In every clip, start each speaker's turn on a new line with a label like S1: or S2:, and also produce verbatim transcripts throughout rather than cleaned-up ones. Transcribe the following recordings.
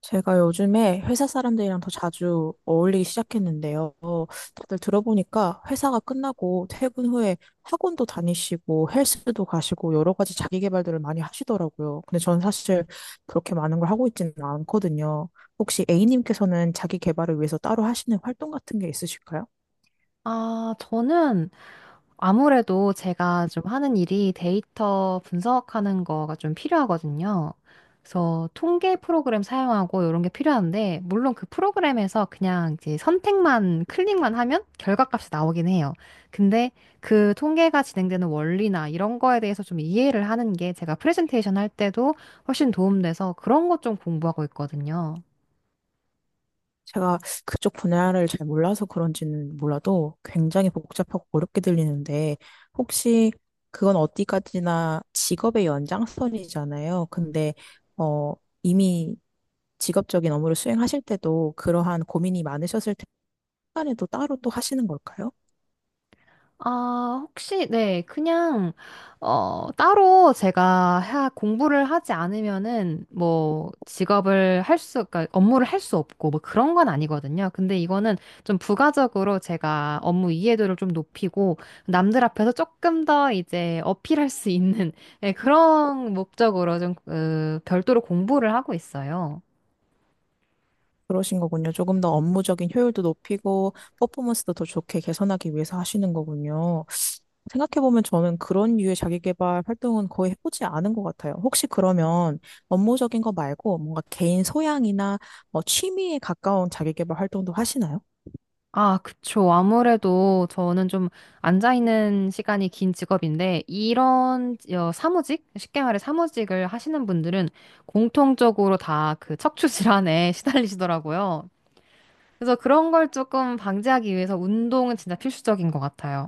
S1: 제가 요즘에 회사 사람들이랑 더 자주 어울리기 시작했는데요. 다들 들어보니까 회사가 끝나고 퇴근 후에 학원도 다니시고 헬스도 가시고 여러 가지 자기 개발들을 많이 하시더라고요. 근데 저는 사실 그렇게 많은 걸 하고 있지는 않거든요. 혹시 A님께서는 자기 개발을 위해서 따로 하시는 활동 같은 게 있으실까요?
S2: 아, 저는 아무래도 제가 좀 하는 일이 데이터 분석하는 거가 좀 필요하거든요. 그래서 통계 프로그램 사용하고 이런 게 필요한데, 물론 그 프로그램에서 그냥 이제 선택만, 클릭만 하면 결과값이 나오긴 해요. 근데 그 통계가 진행되는 원리나 이런 거에 대해서 좀 이해를 하는 게 제가 프레젠테이션 할 때도 훨씬 도움돼서 그런 것 좀 공부하고 있거든요.
S1: 제가 그쪽 분야를 잘 몰라서 그런지는 몰라도 굉장히 복잡하고 어렵게 들리는데 혹시 그건 어디까지나 직업의 연장선이잖아요. 근데 어 이미 직업적인 업무를 수행하실 때도 그러한 고민이 많으셨을 때 시간에도 따로 또 하시는 걸까요?
S2: 아, 혹시, 네, 그냥, 어, 따로 제가 하, 공부를 하지 않으면은, 뭐, 직업을 할 수, 그러니까 업무를 할 수 없고, 뭐 그런 건 아니거든요. 근데 이거는 좀 부가적으로 제가 업무 이해도를 좀 높이고, 남들 앞에서 조금 더 이제 어필할 수 있는, 예, 그런 목적으로 좀, 그, 별도로 공부를 하고 있어요.
S1: 그러신 거군요. 조금 더 업무적인 효율도 높이고 퍼포먼스도 더 좋게 개선하기 위해서 하시는 거군요. 생각해보면 저는 그런 류의 자기계발 활동은 거의 해보지 않은 것 같아요. 혹시 그러면 업무적인 거 말고 뭔가 개인 소양이나 뭐 취미에 가까운 자기계발 활동도 하시나요?
S2: 아, 그쵸. 아무래도 저는 좀 앉아있는 시간이 긴 직업인데, 이런 어, 사무직? 쉽게 말해 사무직을 하시는 분들은 공통적으로 다 그 척추 질환에 시달리시더라고요. 그래서 그런 걸 조금 방지하기 위해서 운동은 진짜 필수적인 것 같아요.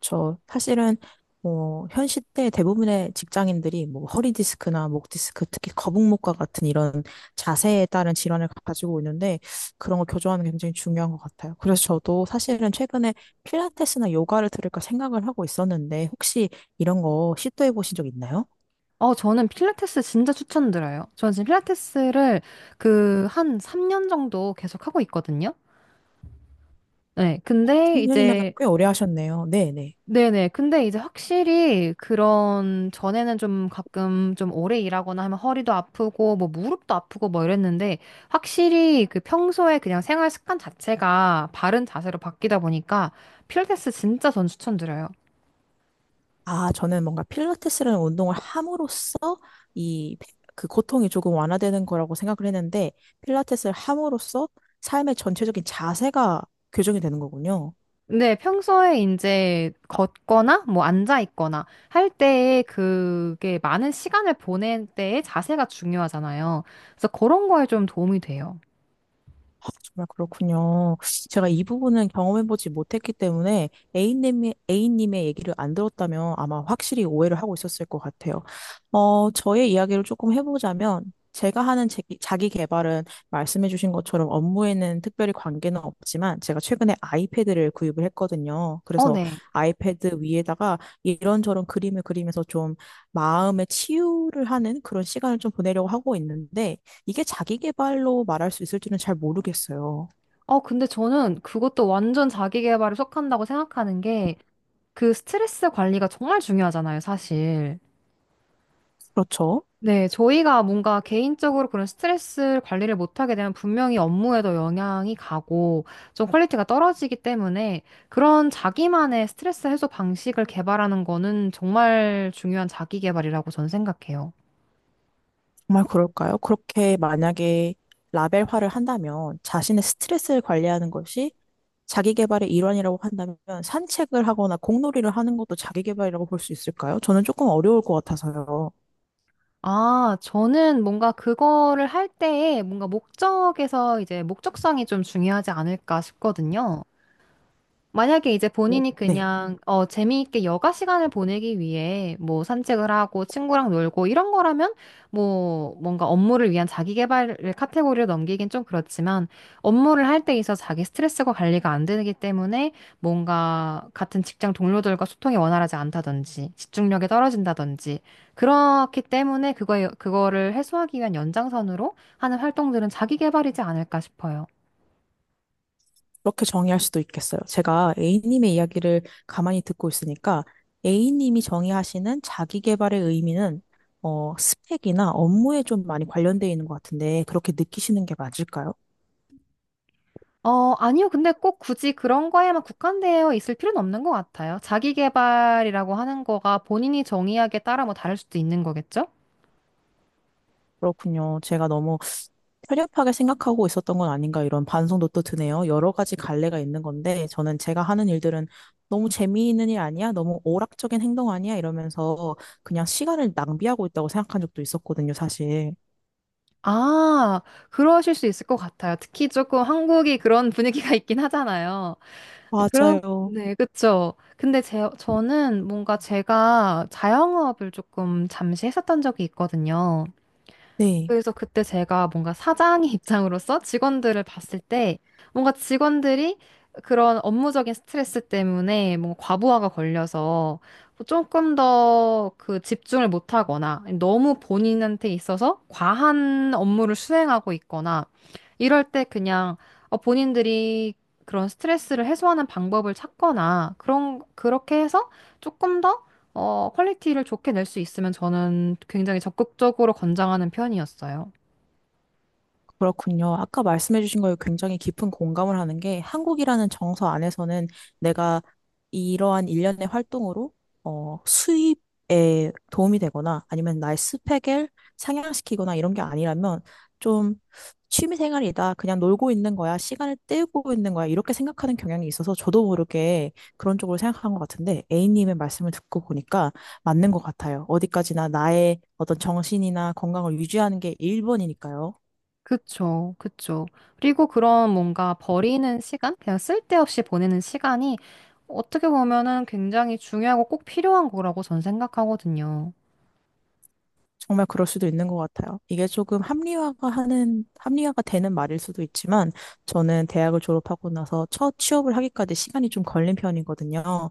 S1: 저 사실은 어, 현 시대 대부분의 직장인들이 뭐 허리 디스크나 목 디스크, 특히 거북목과 같은 이런 자세에 따른 질환을 가지고 있는데 그런 거 교정하는 게 굉장히 중요한 것 같아요. 그래서 저도 사실은 최근에 필라테스나 요가를 들을까 생각을 하고 있었는데 혹시 이런 거 시도해 보신 적 있나요?
S2: 어, 저는 필라테스 진짜 추천드려요. 저는 지금 필라테스를 그 한 삼 년 정도 계속 하고 있거든요. 네, 근데
S1: 삼 년이면
S2: 이제
S1: 꽤 오래 하셨네요. 네, 네.
S2: 네네. 근데 이제 확실히 그런 전에는 좀 가끔 좀 오래 일하거나 하면 허리도 아프고 뭐 무릎도 아프고 뭐 이랬는데 확실히 그 평소에 그냥 생활 습관 자체가 바른 자세로 바뀌다 보니까 필라테스 진짜 전 추천드려요.
S1: 아, 저는 뭔가 필라테스라는 운동을 함으로써 이 그 고통이 조금 완화되는 거라고 생각을 했는데 필라테스를 함으로써 삶의 전체적인 자세가 교정이 되는 거군요.
S2: 근데 평소에 이제 걷거나 뭐 앉아 있거나 할 때에 그게 많은 시간을 보낼 때의 자세가 중요하잖아요. 그래서 그런 거에 좀 도움이 돼요.
S1: 아, 정말 그렇군요. 제가 이 부분은 경험해보지 못했기 때문에 A님의, A님의 얘기를 안 들었다면 아마 확실히 오해를 하고 있었을 것 같아요. 어, 저의 이야기를 조금 해보자면 제가 하는 제- 자기 개발은 말씀해주신 것처럼 업무에는 특별히 관계는 없지만 제가 최근에 아이패드를 구입을 했거든요.
S2: 어,
S1: 그래서
S2: 네.
S1: 아이패드 위에다가 이런저런 그림을 그리면서 좀 마음의 치유를 하는 그런 시간을 좀 보내려고 하고 있는데 이게 자기 개발로 말할 수 있을지는 잘 모르겠어요.
S2: 어, 근데 저는 그것도 완전 자기 개발에 속한다고 생각하는 게 그 스트레스 관리가 정말 중요하잖아요, 사실.
S1: 그렇죠?
S2: 네, 저희가 뭔가 개인적으로 그런 스트레스 관리를 못하게 되면 분명히 업무에도 영향이 가고 좀 퀄리티가 떨어지기 때문에 그런 자기만의 스트레스 해소 방식을 개발하는 거는 정말 중요한 자기 개발이라고 저는 생각해요.
S1: 정말 그럴까요? 그렇게 만약에 라벨화를 한다면 자신의 스트레스를 관리하는 것이 자기 개발의 일환이라고 한다면 산책을 하거나 공놀이를 하는 것도 자기 개발이라고 볼 수 있을까요? 저는 조금 어려울 것 같아서요.
S2: 아, 저는 뭔가 그거를 할 때에 뭔가 목적에서 이제 목적성이 좀 중요하지 않을까 싶거든요. 만약에 이제
S1: 오,
S2: 본인이
S1: 네.
S2: 그냥 어, 재미있게 여가 시간을 보내기 위해 뭐 산책을 하고 친구랑 놀고 이런 거라면 뭐 뭔가 업무를 위한 자기 개발을 카테고리로 넘기긴 좀 그렇지만 업무를 할 때 있어 자기 스트레스가 관리가 안 되기 때문에 뭔가 같은 직장 동료들과 소통이 원활하지 않다든지 집중력이 떨어진다든지 그렇기 때문에 그거에 그거를 해소하기 위한 연장선으로 하는 활동들은 자기 개발이지 않을까 싶어요.
S1: 그렇게 정의할 수도 있겠어요. 제가 A님의 이야기를 가만히 듣고 있으니까 A님이 정의하시는 자기 개발의 의미는 어, 스펙이나 업무에 좀 많이 관련되어 있는 것 같은데 그렇게 느끼시는 게 맞을까요?
S2: 어, 아니요. 근데 꼭 굳이 그런 거에만 국한되어 있을 필요는 없는 것 같아요. 자기 개발이라고 하는 거가 본인이 정의하기에 따라 뭐 다를 수도 있는 거겠죠?
S1: 그렇군요. 제가 너무 편협하게 생각하고 있었던 건 아닌가 이런 반성도 또 드네요. 여러 가지 갈래가 있는 건데 저는 제가 하는 일들은 너무 재미있는 일 아니야? 너무 오락적인 행동 아니야? 이러면서 그냥 시간을 낭비하고 있다고 생각한 적도 있었거든요, 사실.
S2: 아, 그러실 수 있을 것 같아요. 특히 조금 한국이 그런 분위기가 있긴 하잖아요. 그런,
S1: 맞아요.
S2: 네, 그쵸. 근데 제, 저는 뭔가 제가 자영업을 조금 잠시 했었던 적이 있거든요.
S1: 네.
S2: 그래서 그때 제가 뭔가 사장의 입장으로서 직원들을 봤을 때 뭔가 직원들이 그런 업무적인 스트레스 때문에 뭔가 과부하가 걸려서 조금 더 그 집중을 못하거나 너무 본인한테 있어서 과한 업무를 수행하고 있거나 이럴 때 그냥 어, 본인들이 그런 스트레스를 해소하는 방법을 찾거나 그런 그렇게 해서 조금 더 어, 퀄리티를 좋게 낼 수 있으면 저는 굉장히 적극적으로 권장하는 편이었어요.
S1: 그렇군요. 아까 말씀해주신 거에 굉장히 깊은 공감을 하는 게 한국이라는 정서 안에서는 내가 이러한 일련의 활동으로 어, 수입에 도움이 되거나 아니면 나의 스펙을 상향시키거나 이런 게 아니라면 좀 취미 생활이다. 그냥 놀고 있는 거야. 시간을 때우고 있는 거야. 이렇게 생각하는 경향이 있어서 저도 모르게 그런 쪽으로 생각한 것 같은데 A님의 말씀을 듣고 보니까 맞는 것 같아요. 어디까지나 나의 어떤 정신이나 건강을 유지하는 게 일 번이니까요.
S2: 그쵸, 그쵸. 그리고 그런 뭔가 버리는 시간? 그냥 쓸데없이 보내는 시간이 어떻게 보면은 굉장히 중요하고 꼭 필요한 거라고 전 생각하거든요.
S1: 정말 그럴 수도 있는 것 같아요. 이게 조금 합리화가 하는, 합리화가 되는 말일 수도 있지만, 저는 대학을 졸업하고 나서 첫 취업을 하기까지 시간이 좀 걸린 편이거든요.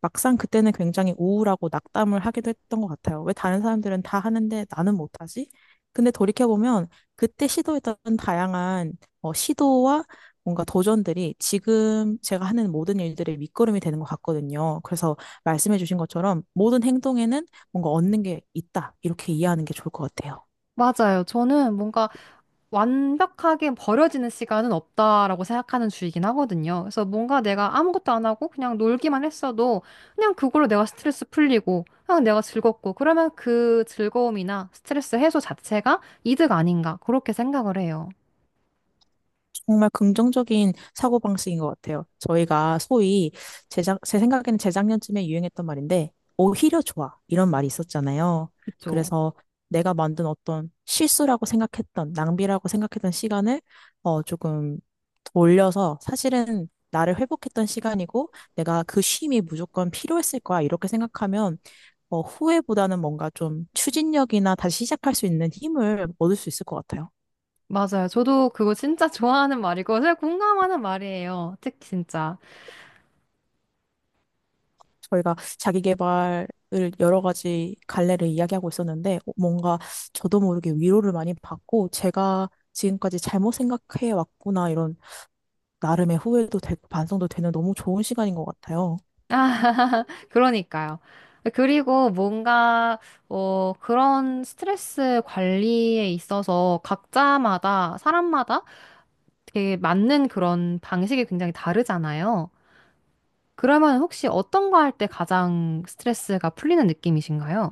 S1: 막상 그때는 굉장히 우울하고 낙담을 하기도 했던 것 같아요. 왜 다른 사람들은 다 하는데 나는 못하지? 근데 돌이켜보면, 그때 시도했던 다양한 어, 시도와 뭔가 도전들이 지금 제가 하는 모든 일들의 밑거름이 되는 것 같거든요. 그래서 말씀해주신 것처럼 모든 행동에는 뭔가 얻는 게 있다. 이렇게 이해하는 게 좋을 것 같아요.
S2: 맞아요. 저는 뭔가 완벽하게 버려지는 시간은 없다라고 생각하는 주의긴 하거든요. 그래서 뭔가 내가 아무것도 안 하고 그냥 놀기만 했어도 그냥 그걸로 내가 스트레스 풀리고 그냥 내가 즐겁고 그러면 그 즐거움이나 스트레스 해소 자체가 이득 아닌가 그렇게 생각을 해요.
S1: 정말 긍정적인 사고방식인 것 같아요. 저희가 소위 제작 제 생각에는 재작년쯤에 유행했던 말인데, 오히려 좋아. 이런 말이 있었잖아요.
S2: 그쵸?
S1: 그래서 내가 만든 어떤 실수라고 생각했던, 낭비라고 생각했던 시간을 어, 조금 돌려서 사실은 나를 회복했던 시간이고, 내가 그 쉼이 무조건 필요했을 거야. 이렇게 생각하면 어, 후회보다는 뭔가 좀 추진력이나 다시 시작할 수 있는 힘을 얻을 수 있을 것 같아요.
S2: 맞아요. 저도 그거 진짜 좋아하는 말이고 제가 공감하는 말이에요. 특히 진짜.
S1: 저희가 자기계발을 여러 가지 갈래를 이야기하고 있었는데 뭔가 저도 모르게 위로를 많이 받고 제가 지금까지 잘못 생각해 왔구나 이런 나름의 후회도 되고 반성도 되는 너무 좋은 시간인 것 같아요.
S2: 그러니까요. 그리고 뭔가 어, 그런 스트레스 관리에 있어서 각자마다, 사람마다 되게 맞는 그런 방식이 굉장히 다르잖아요. 그러면 혹시 어떤 거 할 때 가장 스트레스가 풀리는 느낌이신가요?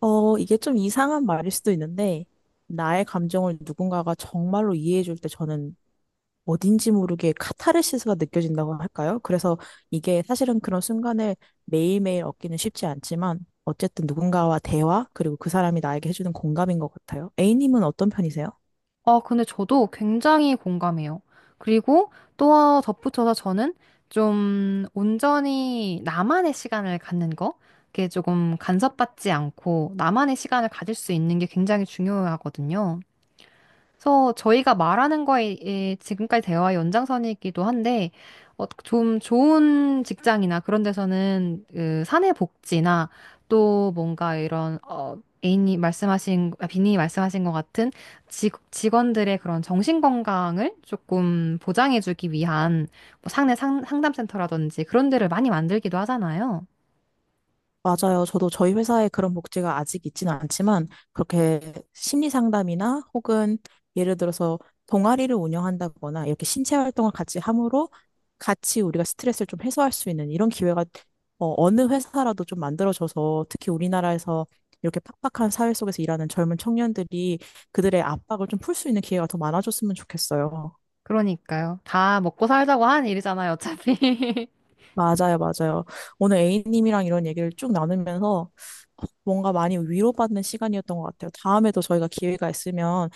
S1: 어, 이게 좀 이상한 말일 수도 있는데 나의 감정을 누군가가 정말로 이해해 줄 때 저는 어딘지 모르게 카타르시스가 느껴진다고 할까요? 그래서 이게 사실은 그런 순간을 매일매일 얻기는 쉽지 않지만 어쨌든 누군가와 대화, 그리고 그 사람이 나에게 해주는 공감인 것 같아요. A님은 어떤 편이세요?
S2: 아, 근데 저도 굉장히 공감해요. 그리고 또 덧붙여서 저는 좀 온전히 나만의 시간을 갖는 거, 그게 조금 간섭받지 않고 나만의 시간을 가질 수 있는 게 굉장히 중요하거든요. 그래서 저희가 말하는 거에 에, 지금까지 대화의 연장선이기도 한데, 어, 좀 좋은 직장이나 그런 데서는 그 사내 복지나 또 뭔가 이런, 어, 에이님이 말씀하신, 아, 비님이 말씀하신 것 같은 직, 직원들의 그런 정신 건강을 조금 보장해주기 위한 뭐 상내 상, 상담센터라든지 그런 데를 많이 만들기도 하잖아요.
S1: 맞아요. 저도 저희 회사에 그런 복지가 아직 있지는 않지만 그렇게 심리 상담이나 혹은 예를 들어서 동아리를 운영한다거나 이렇게 신체 활동을 같이 함으로 같이 우리가 스트레스를 좀 해소할 수 있는 이런 기회가 어, 어느 회사라도 좀 만들어져서 특히 우리나라에서 이렇게 팍팍한 사회 속에서 일하는 젊은 청년들이 그들의 압박을 좀 풀 수 있는 기회가 더 많아졌으면 좋겠어요.
S2: 그러니까요. 다 먹고 살자고 하는 일이잖아요, 어차피.
S1: 맞아요, 맞아요. 오늘 A님이랑 이런 얘기를 쭉 나누면서 뭔가 많이 위로받는 시간이었던 것 같아요. 다음에도 저희가 기회가 있으면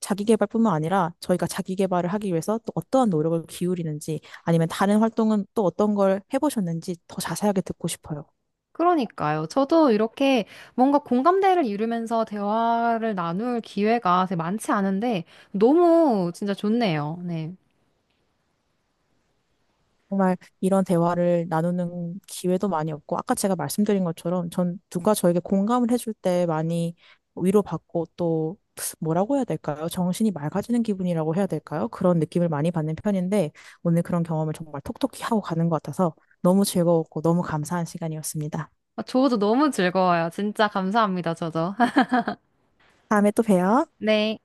S1: 자기 개발뿐만 아니라 저희가 자기 개발을 하기 위해서 또 어떠한 노력을 기울이는지 아니면 다른 활동은 또 어떤 걸 해보셨는지 더 자세하게 듣고 싶어요.
S2: 그러니까요. 저도 이렇게 뭔가 공감대를 이루면서 대화를 나눌 기회가 되게 많지 않은데 너무 진짜 좋네요. 네.
S1: 정말 이런 대화를 나누는 기회도 많이 없고, 아까 제가 말씀드린 것처럼 전 누가 저에게 공감을 해줄 때 많이 위로받고 또 뭐라고 해야 될까요? 정신이 맑아지는 기분이라고 해야 될까요? 그런 느낌을 많이 받는 편인데, 오늘 그런 경험을 정말 톡톡히 하고 가는 것 같아서 너무 즐거웠고 너무 감사한 시간이었습니다.
S2: 아, 저도 너무 즐거워요. 진짜 감사합니다. 저도.
S1: 다음에 또 봬요.
S2: 네.